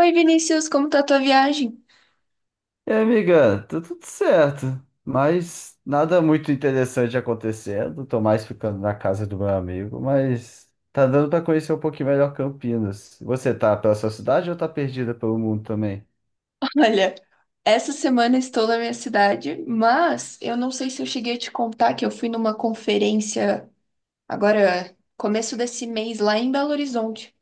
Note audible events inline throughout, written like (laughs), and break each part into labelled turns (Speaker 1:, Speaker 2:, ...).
Speaker 1: Oi, Vinícius, como tá a tua viagem?
Speaker 2: E aí, amiga, tá tudo certo, mas nada muito interessante acontecendo. Tô mais ficando na casa do meu amigo, mas tá dando pra conhecer um pouquinho melhor Campinas. Você tá pela sua cidade ou tá perdida pelo mundo também?
Speaker 1: (laughs) Olha, essa semana estou na minha cidade, mas eu não sei se eu cheguei a te contar que eu fui numa conferência agora, começo desse mês, lá em Belo Horizonte.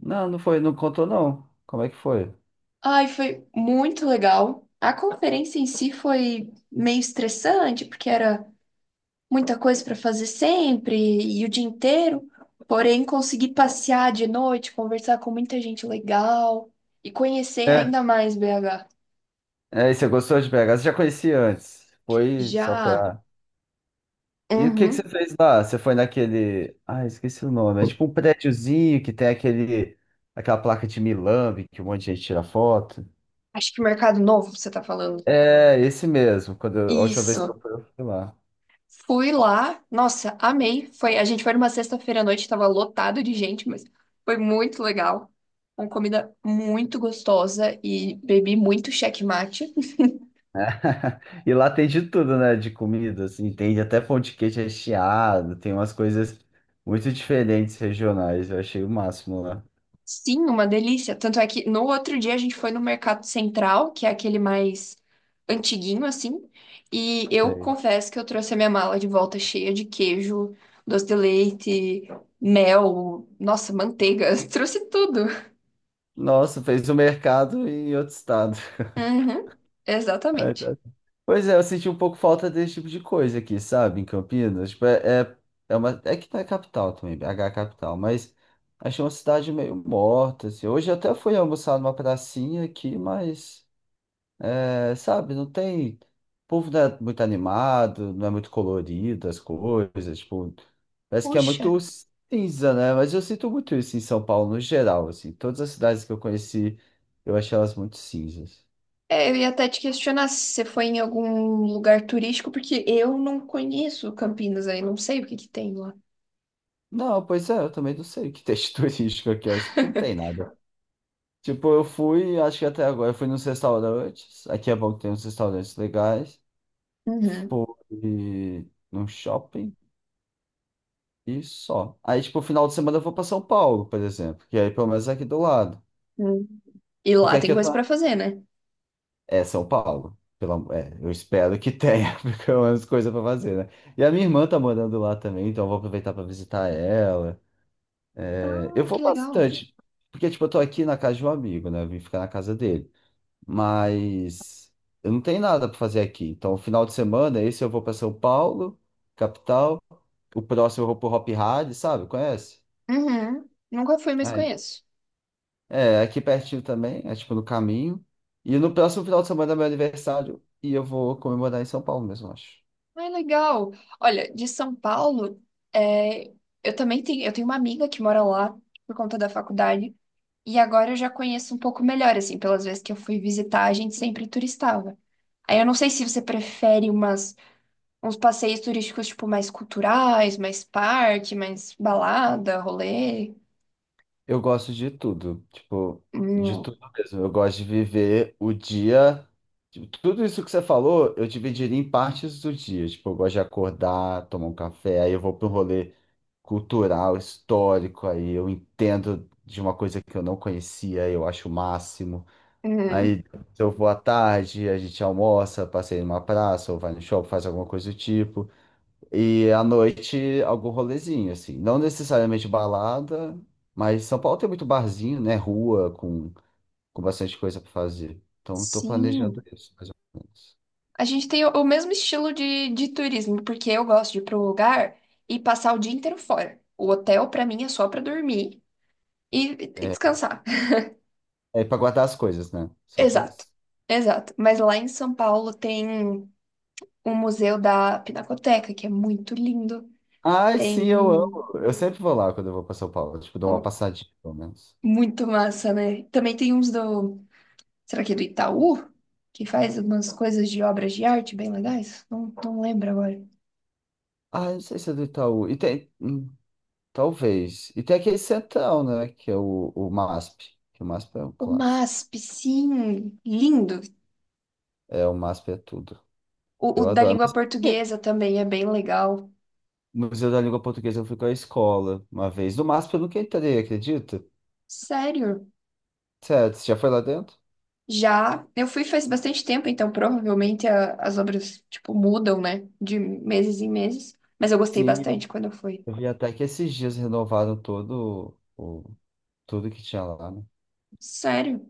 Speaker 2: Não, não foi, não contou não. Como é que foi?
Speaker 1: Ai, foi muito legal. A conferência em si foi meio estressante, porque era muita coisa para fazer sempre e o dia inteiro. Porém, consegui passear de noite, conversar com muita gente legal e conhecer
Speaker 2: É,
Speaker 1: ainda mais BH.
Speaker 2: e você gostou de BH? Você já conhecia antes? Foi só
Speaker 1: Já.
Speaker 2: pra. E o que que você
Speaker 1: Uhum.
Speaker 2: fez lá? Você foi naquele. Ah, esqueci o nome. É tipo um prédiozinho que tem aquele. Aquela placa de Milambe que um monte de gente tira foto.
Speaker 1: Acho que Mercado Novo, você tá falando.
Speaker 2: É, esse mesmo. A última vez que
Speaker 1: Isso.
Speaker 2: eu fui lá.
Speaker 1: Fui lá, nossa, amei. A gente foi numa sexta-feira à noite, tava lotado de gente, mas foi muito legal. Uma comida muito gostosa e bebi muito checkmate.
Speaker 2: (laughs) E lá tem de tudo, né? De comida, assim, tem até pão de queijo recheado, tem umas coisas muito diferentes regionais. Eu achei o máximo lá.
Speaker 1: Sim, uma delícia. Tanto é que no outro dia a gente foi no Mercado Central, que é aquele mais antiguinho assim, e eu
Speaker 2: Sei.
Speaker 1: confesso que eu trouxe a minha mala de volta cheia de queijo, doce de leite, mel, nossa, manteiga, (laughs) trouxe tudo.
Speaker 2: Nossa, fez o mercado em outro estado.
Speaker 1: Uhum,
Speaker 2: (laughs) Ai,
Speaker 1: exatamente.
Speaker 2: tá. Pois é, eu senti um pouco falta desse tipo de coisa aqui, sabe? Em Campinas. Tipo, é uma, é que tá capital também, BH é capital, mas achei uma cidade meio morta, assim. Hoje eu até fui almoçar numa pracinha aqui, mas. É, sabe, não tem. O povo não é muito animado, não é muito colorido as coisas, tipo, parece que é
Speaker 1: Puxa,
Speaker 2: muito cinza, né? Mas eu sinto muito isso em São Paulo no geral, assim. Todas as cidades que eu conheci, eu achei elas muito cinzas.
Speaker 1: é, eu ia até te questionar se você foi em algum lugar turístico, porque eu não conheço Campinas aí, não sei o que que tem lá.
Speaker 2: Não, pois é, eu também não sei o que texto (laughs) turístico aqui, eu acho que não tem nada. Tipo, eu fui, acho que até agora, eu fui nos restaurantes, aqui é bom que tem uns restaurantes legais.
Speaker 1: Uhum.
Speaker 2: Fui num shopping. E só. Aí, tipo, final de semana eu vou pra São Paulo, por exemplo. Que aí pelo menos é aqui do lado.
Speaker 1: Hum. E
Speaker 2: Porque
Speaker 1: lá tem
Speaker 2: aqui eu
Speaker 1: coisa
Speaker 2: tô.
Speaker 1: pra fazer, né?
Speaker 2: É São Paulo. É, eu espero que tenha, (laughs) pelo menos coisa pra fazer, né? E a minha irmã tá morando lá também, então eu vou aproveitar pra visitar ela. É, eu
Speaker 1: Ah,
Speaker 2: vou
Speaker 1: que legal.
Speaker 2: bastante. Porque, tipo, eu tô aqui na casa de um amigo, né? Eu vim ficar na casa dele. Mas eu não tenho nada pra fazer aqui. Então, final de semana, esse eu vou pra São Paulo, capital. O próximo eu vou pro Hop Hari, sabe? Conhece?
Speaker 1: Uhum. Nunca fui, mas
Speaker 2: Ah,
Speaker 1: conheço.
Speaker 2: é, aqui pertinho também, é tipo no caminho. E no próximo final de semana é meu aniversário e eu vou comemorar em São Paulo mesmo, eu acho.
Speaker 1: Ah, legal. Olha, de São Paulo, é, eu tenho uma amiga que mora lá por conta da faculdade. E agora eu já conheço um pouco melhor, assim, pelas vezes que eu fui visitar, a gente sempre turistava. Aí eu não sei se você prefere uns passeios turísticos, tipo, mais culturais, mais parque, mais balada, rolê.
Speaker 2: Eu gosto de tudo, tipo, de
Speaker 1: Hum,
Speaker 2: tudo mesmo. Eu gosto de viver o dia. Tipo, tudo isso que você falou, eu dividiria em partes do dia. Tipo, eu gosto de acordar, tomar um café, aí eu vou para um rolê cultural, histórico, aí eu entendo de uma coisa que eu não conhecia, eu acho o máximo.
Speaker 1: uhum.
Speaker 2: Aí, se eu vou à tarde, a gente almoça, passeia numa praça, ou vai no shopping, faz alguma coisa do tipo. E à noite, algum rolezinho, assim. Não necessariamente balada, mas São Paulo tem muito barzinho, né? Rua, com bastante coisa para fazer. Então, estou planejando
Speaker 1: Sim.
Speaker 2: isso, mais ou menos.
Speaker 1: A gente tem o mesmo estilo de turismo, porque eu gosto de ir para um lugar e passar o dia inteiro fora. O hotel, para mim, é só para dormir e e
Speaker 2: É,
Speaker 1: descansar. (laughs)
Speaker 2: é para guardar as coisas, né? Só para
Speaker 1: Exato,
Speaker 2: isso.
Speaker 1: exato. Mas lá em São Paulo tem o museu da Pinacoteca, que é muito lindo.
Speaker 2: Ai, sim,
Speaker 1: Tem
Speaker 2: eu amo. Eu sempre vou lá quando eu vou para São Paulo. Tipo, dou uma
Speaker 1: ó,
Speaker 2: passadinha, pelo menos.
Speaker 1: muito massa, né? Também tem uns do, será que é do Itaú? Que faz umas coisas de obras de arte bem legais? Não, não lembro agora.
Speaker 2: Ah, eu não sei se é do Itaú. E tem. Talvez. E tem aquele centrão, né? Que é o MASP. Que o MASP é um
Speaker 1: O
Speaker 2: clássico.
Speaker 1: MASP, sim, lindo.
Speaker 2: É, o MASP é tudo.
Speaker 1: O
Speaker 2: Eu
Speaker 1: da
Speaker 2: adoro.
Speaker 1: língua
Speaker 2: Mas
Speaker 1: portuguesa também é bem legal.
Speaker 2: no Museu da Língua Portuguesa eu fui com a escola uma vez. No MASP eu nunca entrei, acredita?
Speaker 1: Sério.
Speaker 2: Sério, você já foi lá dentro?
Speaker 1: Já, eu fui faz bastante tempo, então provavelmente as obras, tipo, mudam, né? De meses em meses. Mas eu gostei
Speaker 2: Sim,
Speaker 1: bastante quando eu fui.
Speaker 2: eu vi até que esses dias renovaram tudo que tinha lá, né?
Speaker 1: Sério.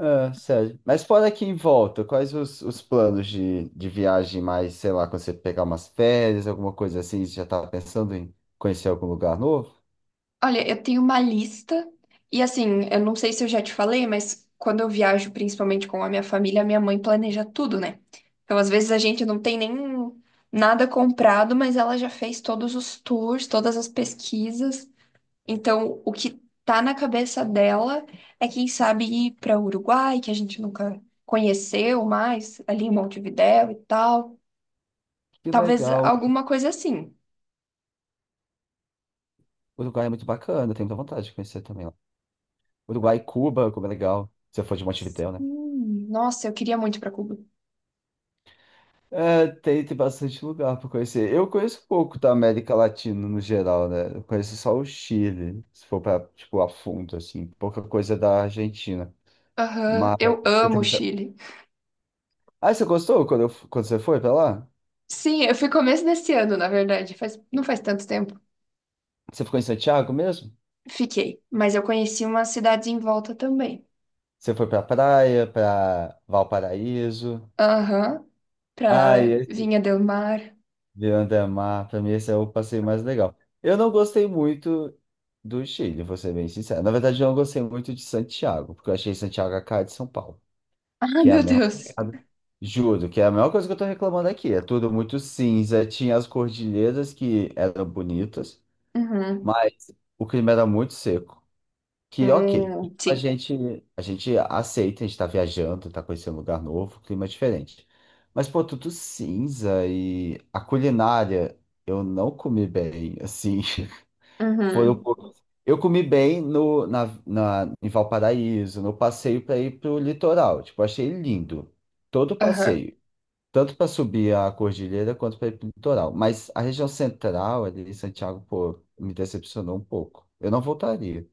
Speaker 2: É, sério. Mas fora aqui em volta, quais os planos de viagem mais, sei lá, quando você pegar umas férias, alguma coisa assim, você já tá pensando em conhecer algum lugar novo?
Speaker 1: Olha, eu tenho uma lista e assim, eu não sei se eu já te falei, mas quando eu viajo, principalmente com a minha família, minha mãe planeja tudo, né? Então, às vezes a gente não tem nem nada comprado, mas ela já fez todos os tours, todas as pesquisas. Então, o que tá na cabeça dela é quem sabe ir para Uruguai, que a gente nunca conheceu mais, ali em Montevidéu e tal.
Speaker 2: Que
Speaker 1: Talvez
Speaker 2: legal.
Speaker 1: alguma coisa assim.
Speaker 2: O Uruguai é muito bacana, eu tenho muita vontade de conhecer também lá. Uruguai e Cuba, como é legal. Se eu for de Montevidéu, né?
Speaker 1: Nossa, eu queria muito para Cuba.
Speaker 2: É, tem, tem bastante lugar pra conhecer. Eu conheço pouco da América Latina no geral, né? Eu conheço só o Chile, se for pra, tipo, a fundo, assim. Pouca coisa da Argentina.
Speaker 1: Aham,
Speaker 2: Mas
Speaker 1: eu
Speaker 2: eu
Speaker 1: amo
Speaker 2: tenho...
Speaker 1: o
Speaker 2: muita-
Speaker 1: Chile.
Speaker 2: Ah, você gostou quando, eu quando você foi pra lá?
Speaker 1: Sim, eu fui começo desse ano, na verdade, não faz tanto tempo.
Speaker 2: Você ficou em Santiago mesmo?
Speaker 1: Fiquei, mas eu conheci umas cidades em volta também.
Speaker 2: Você foi pra praia, pra Valparaíso?
Speaker 1: Aham,
Speaker 2: Ah,
Speaker 1: pra Vinha del Mar. (laughs)
Speaker 2: Beyond the pra mim esse é o passeio mais legal. Eu não gostei muito do Chile, vou ser bem sincero. Na verdade, eu não gostei muito de Santiago, porque eu achei Santiago a cara de São Paulo,
Speaker 1: Ah,
Speaker 2: que é a
Speaker 1: meu
Speaker 2: mesma
Speaker 1: Deus.
Speaker 2: pegada. Juro, que é a mesma coisa que eu tô reclamando aqui. É tudo muito cinza, tinha as cordilheiras que eram bonitas,
Speaker 1: Uhum.
Speaker 2: mas o clima era muito seco. Que ok. A
Speaker 1: Sim.
Speaker 2: gente, a gente aceita, a gente tá viajando, tá conhecendo um lugar novo, um clima diferente. Mas, pô, tudo cinza e a culinária eu não comi bem, assim. (laughs) Foi um
Speaker 1: Uhum.
Speaker 2: pouco. Eu comi bem no, na, na, em Valparaíso, no passeio para ir pro litoral. Tipo, achei lindo todo o
Speaker 1: Aham.
Speaker 2: passeio. Tanto para subir a cordilheira quanto para ir pro litoral. Mas a região central ali, Santiago, pô, me decepcionou um pouco. Eu não voltaria.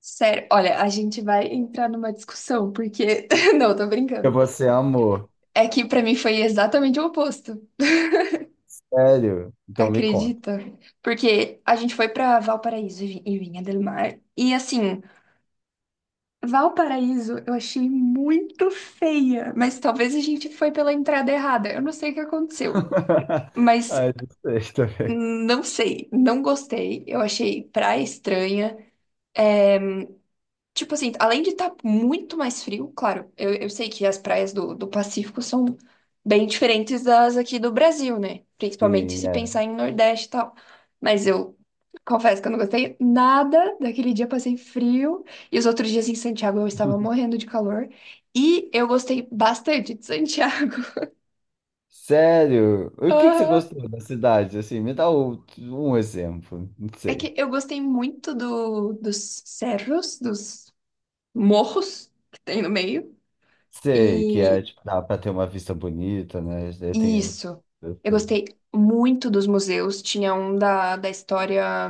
Speaker 1: Sério, olha, a gente vai entrar numa discussão, porque. (laughs) Não, tô
Speaker 2: E
Speaker 1: brincando.
Speaker 2: você amor.
Speaker 1: É que pra mim foi exatamente o oposto.
Speaker 2: Sério? Então me conta.
Speaker 1: Acredita? Porque a gente foi pra Valparaíso e Vinha del Mar. E assim. Valparaíso eu achei muito feia, mas talvez a gente foi pela entrada errada. Eu não sei o que aconteceu,
Speaker 2: (laughs)
Speaker 1: mas
Speaker 2: Ai, não sei também.
Speaker 1: não sei, não gostei. Eu achei praia estranha. Tipo assim, além de estar muito mais frio, claro, eu sei que as praias do Pacífico são bem diferentes das aqui do Brasil, né? Principalmente
Speaker 2: Sim,
Speaker 1: se
Speaker 2: é.
Speaker 1: pensar em Nordeste e tal. Mas eu confesso que eu não gostei nada daquele dia, passei frio. E os outros dias em Santiago eu estava morrendo de calor. E eu gostei bastante de Santiago.
Speaker 2: Sério?
Speaker 1: (laughs)
Speaker 2: O que que você
Speaker 1: Aham.
Speaker 2: gostou da cidade? Assim, um exemplo. Não
Speaker 1: É que
Speaker 2: sei.
Speaker 1: eu gostei muito dos cerros, dos morros que tem no meio.
Speaker 2: Sei que é,
Speaker 1: E
Speaker 2: tipo, dá pra ter uma vista bonita, né? Eu tenho.
Speaker 1: isso.
Speaker 2: Eu
Speaker 1: Eu
Speaker 2: sei.
Speaker 1: gostei muito dos museus. Tinha um da história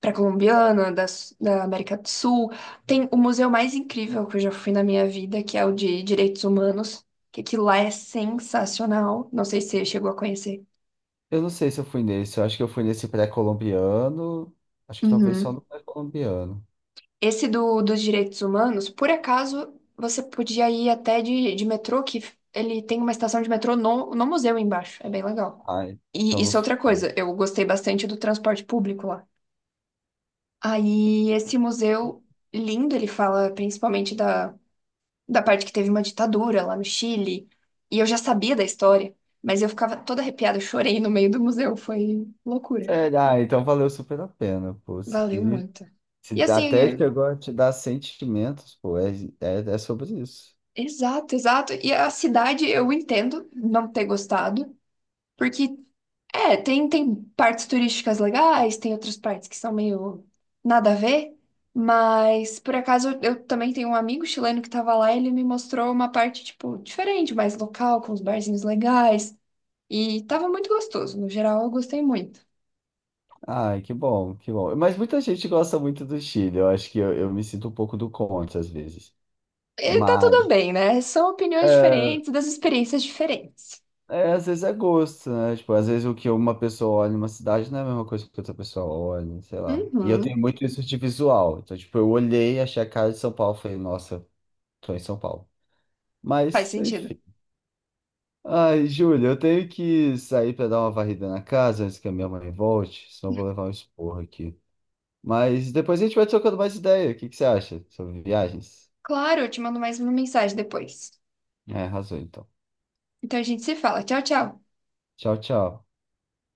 Speaker 1: pré-colombiana, da América do Sul. Tem o museu mais incrível que eu já fui na minha vida, que é o de Direitos Humanos, que aquilo lá é sensacional. Não sei se você chegou a conhecer.
Speaker 2: Eu não sei se eu fui nesse. Eu acho que eu fui nesse pré-colombiano. Acho que talvez só
Speaker 1: Uhum.
Speaker 2: no pré-colombiano.
Speaker 1: Esse dos direitos humanos, por acaso, você podia ir até de metrô, que ele tem uma estação de metrô no museu embaixo. É bem legal.
Speaker 2: Ah,
Speaker 1: E
Speaker 2: então não
Speaker 1: isso é
Speaker 2: foi,
Speaker 1: outra
Speaker 2: não.
Speaker 1: coisa. Eu gostei bastante do transporte público lá. Aí esse museu lindo, ele fala principalmente da parte que teve uma ditadura lá no Chile. E eu já sabia da história, mas eu ficava toda arrepiada, eu chorei no meio do museu, foi loucura.
Speaker 2: Sério? Ah, então valeu super a pena, pô.
Speaker 1: Valeu
Speaker 2: Se,
Speaker 1: muito. E
Speaker 2: se
Speaker 1: assim,
Speaker 2: até chegou a te dar sentimentos, pô, é sobre isso.
Speaker 1: exato, exato. E a cidade eu entendo não ter gostado, porque tem partes turísticas legais, tem outras partes que são meio nada a ver, mas por acaso eu também tenho um amigo chileno que tava lá e ele me mostrou uma parte, tipo, diferente, mais local, com os barzinhos legais, e tava muito gostoso, no geral eu gostei muito.
Speaker 2: Ai, que bom, que bom. Mas muita gente gosta muito do Chile. Eu acho que eu me sinto um pouco do contra às vezes.
Speaker 1: E tá
Speaker 2: Mas
Speaker 1: tudo bem, né? São opiniões
Speaker 2: é,
Speaker 1: diferentes das experiências diferentes.
Speaker 2: é, às vezes é gosto, né? Tipo, às vezes o que uma pessoa olha em uma cidade não é a mesma coisa que outra pessoa olha, sei lá. E eu tenho
Speaker 1: Uhum,
Speaker 2: muito isso de visual. Então, tipo, eu olhei, achei a cara de São Paulo, falei, nossa, tô em São Paulo.
Speaker 1: faz
Speaker 2: Mas,
Speaker 1: sentido.
Speaker 2: enfim. Ai, Júlia, eu tenho que sair pra dar uma varrida na casa antes que a minha mãe volte, senão eu vou levar um esporro aqui. Mas depois a gente vai trocando mais ideia. O que que você acha sobre viagens?
Speaker 1: Claro, eu te mando mais uma mensagem depois.
Speaker 2: É, arrasou então.
Speaker 1: Então a gente se fala. Tchau, tchau.
Speaker 2: Tchau, tchau.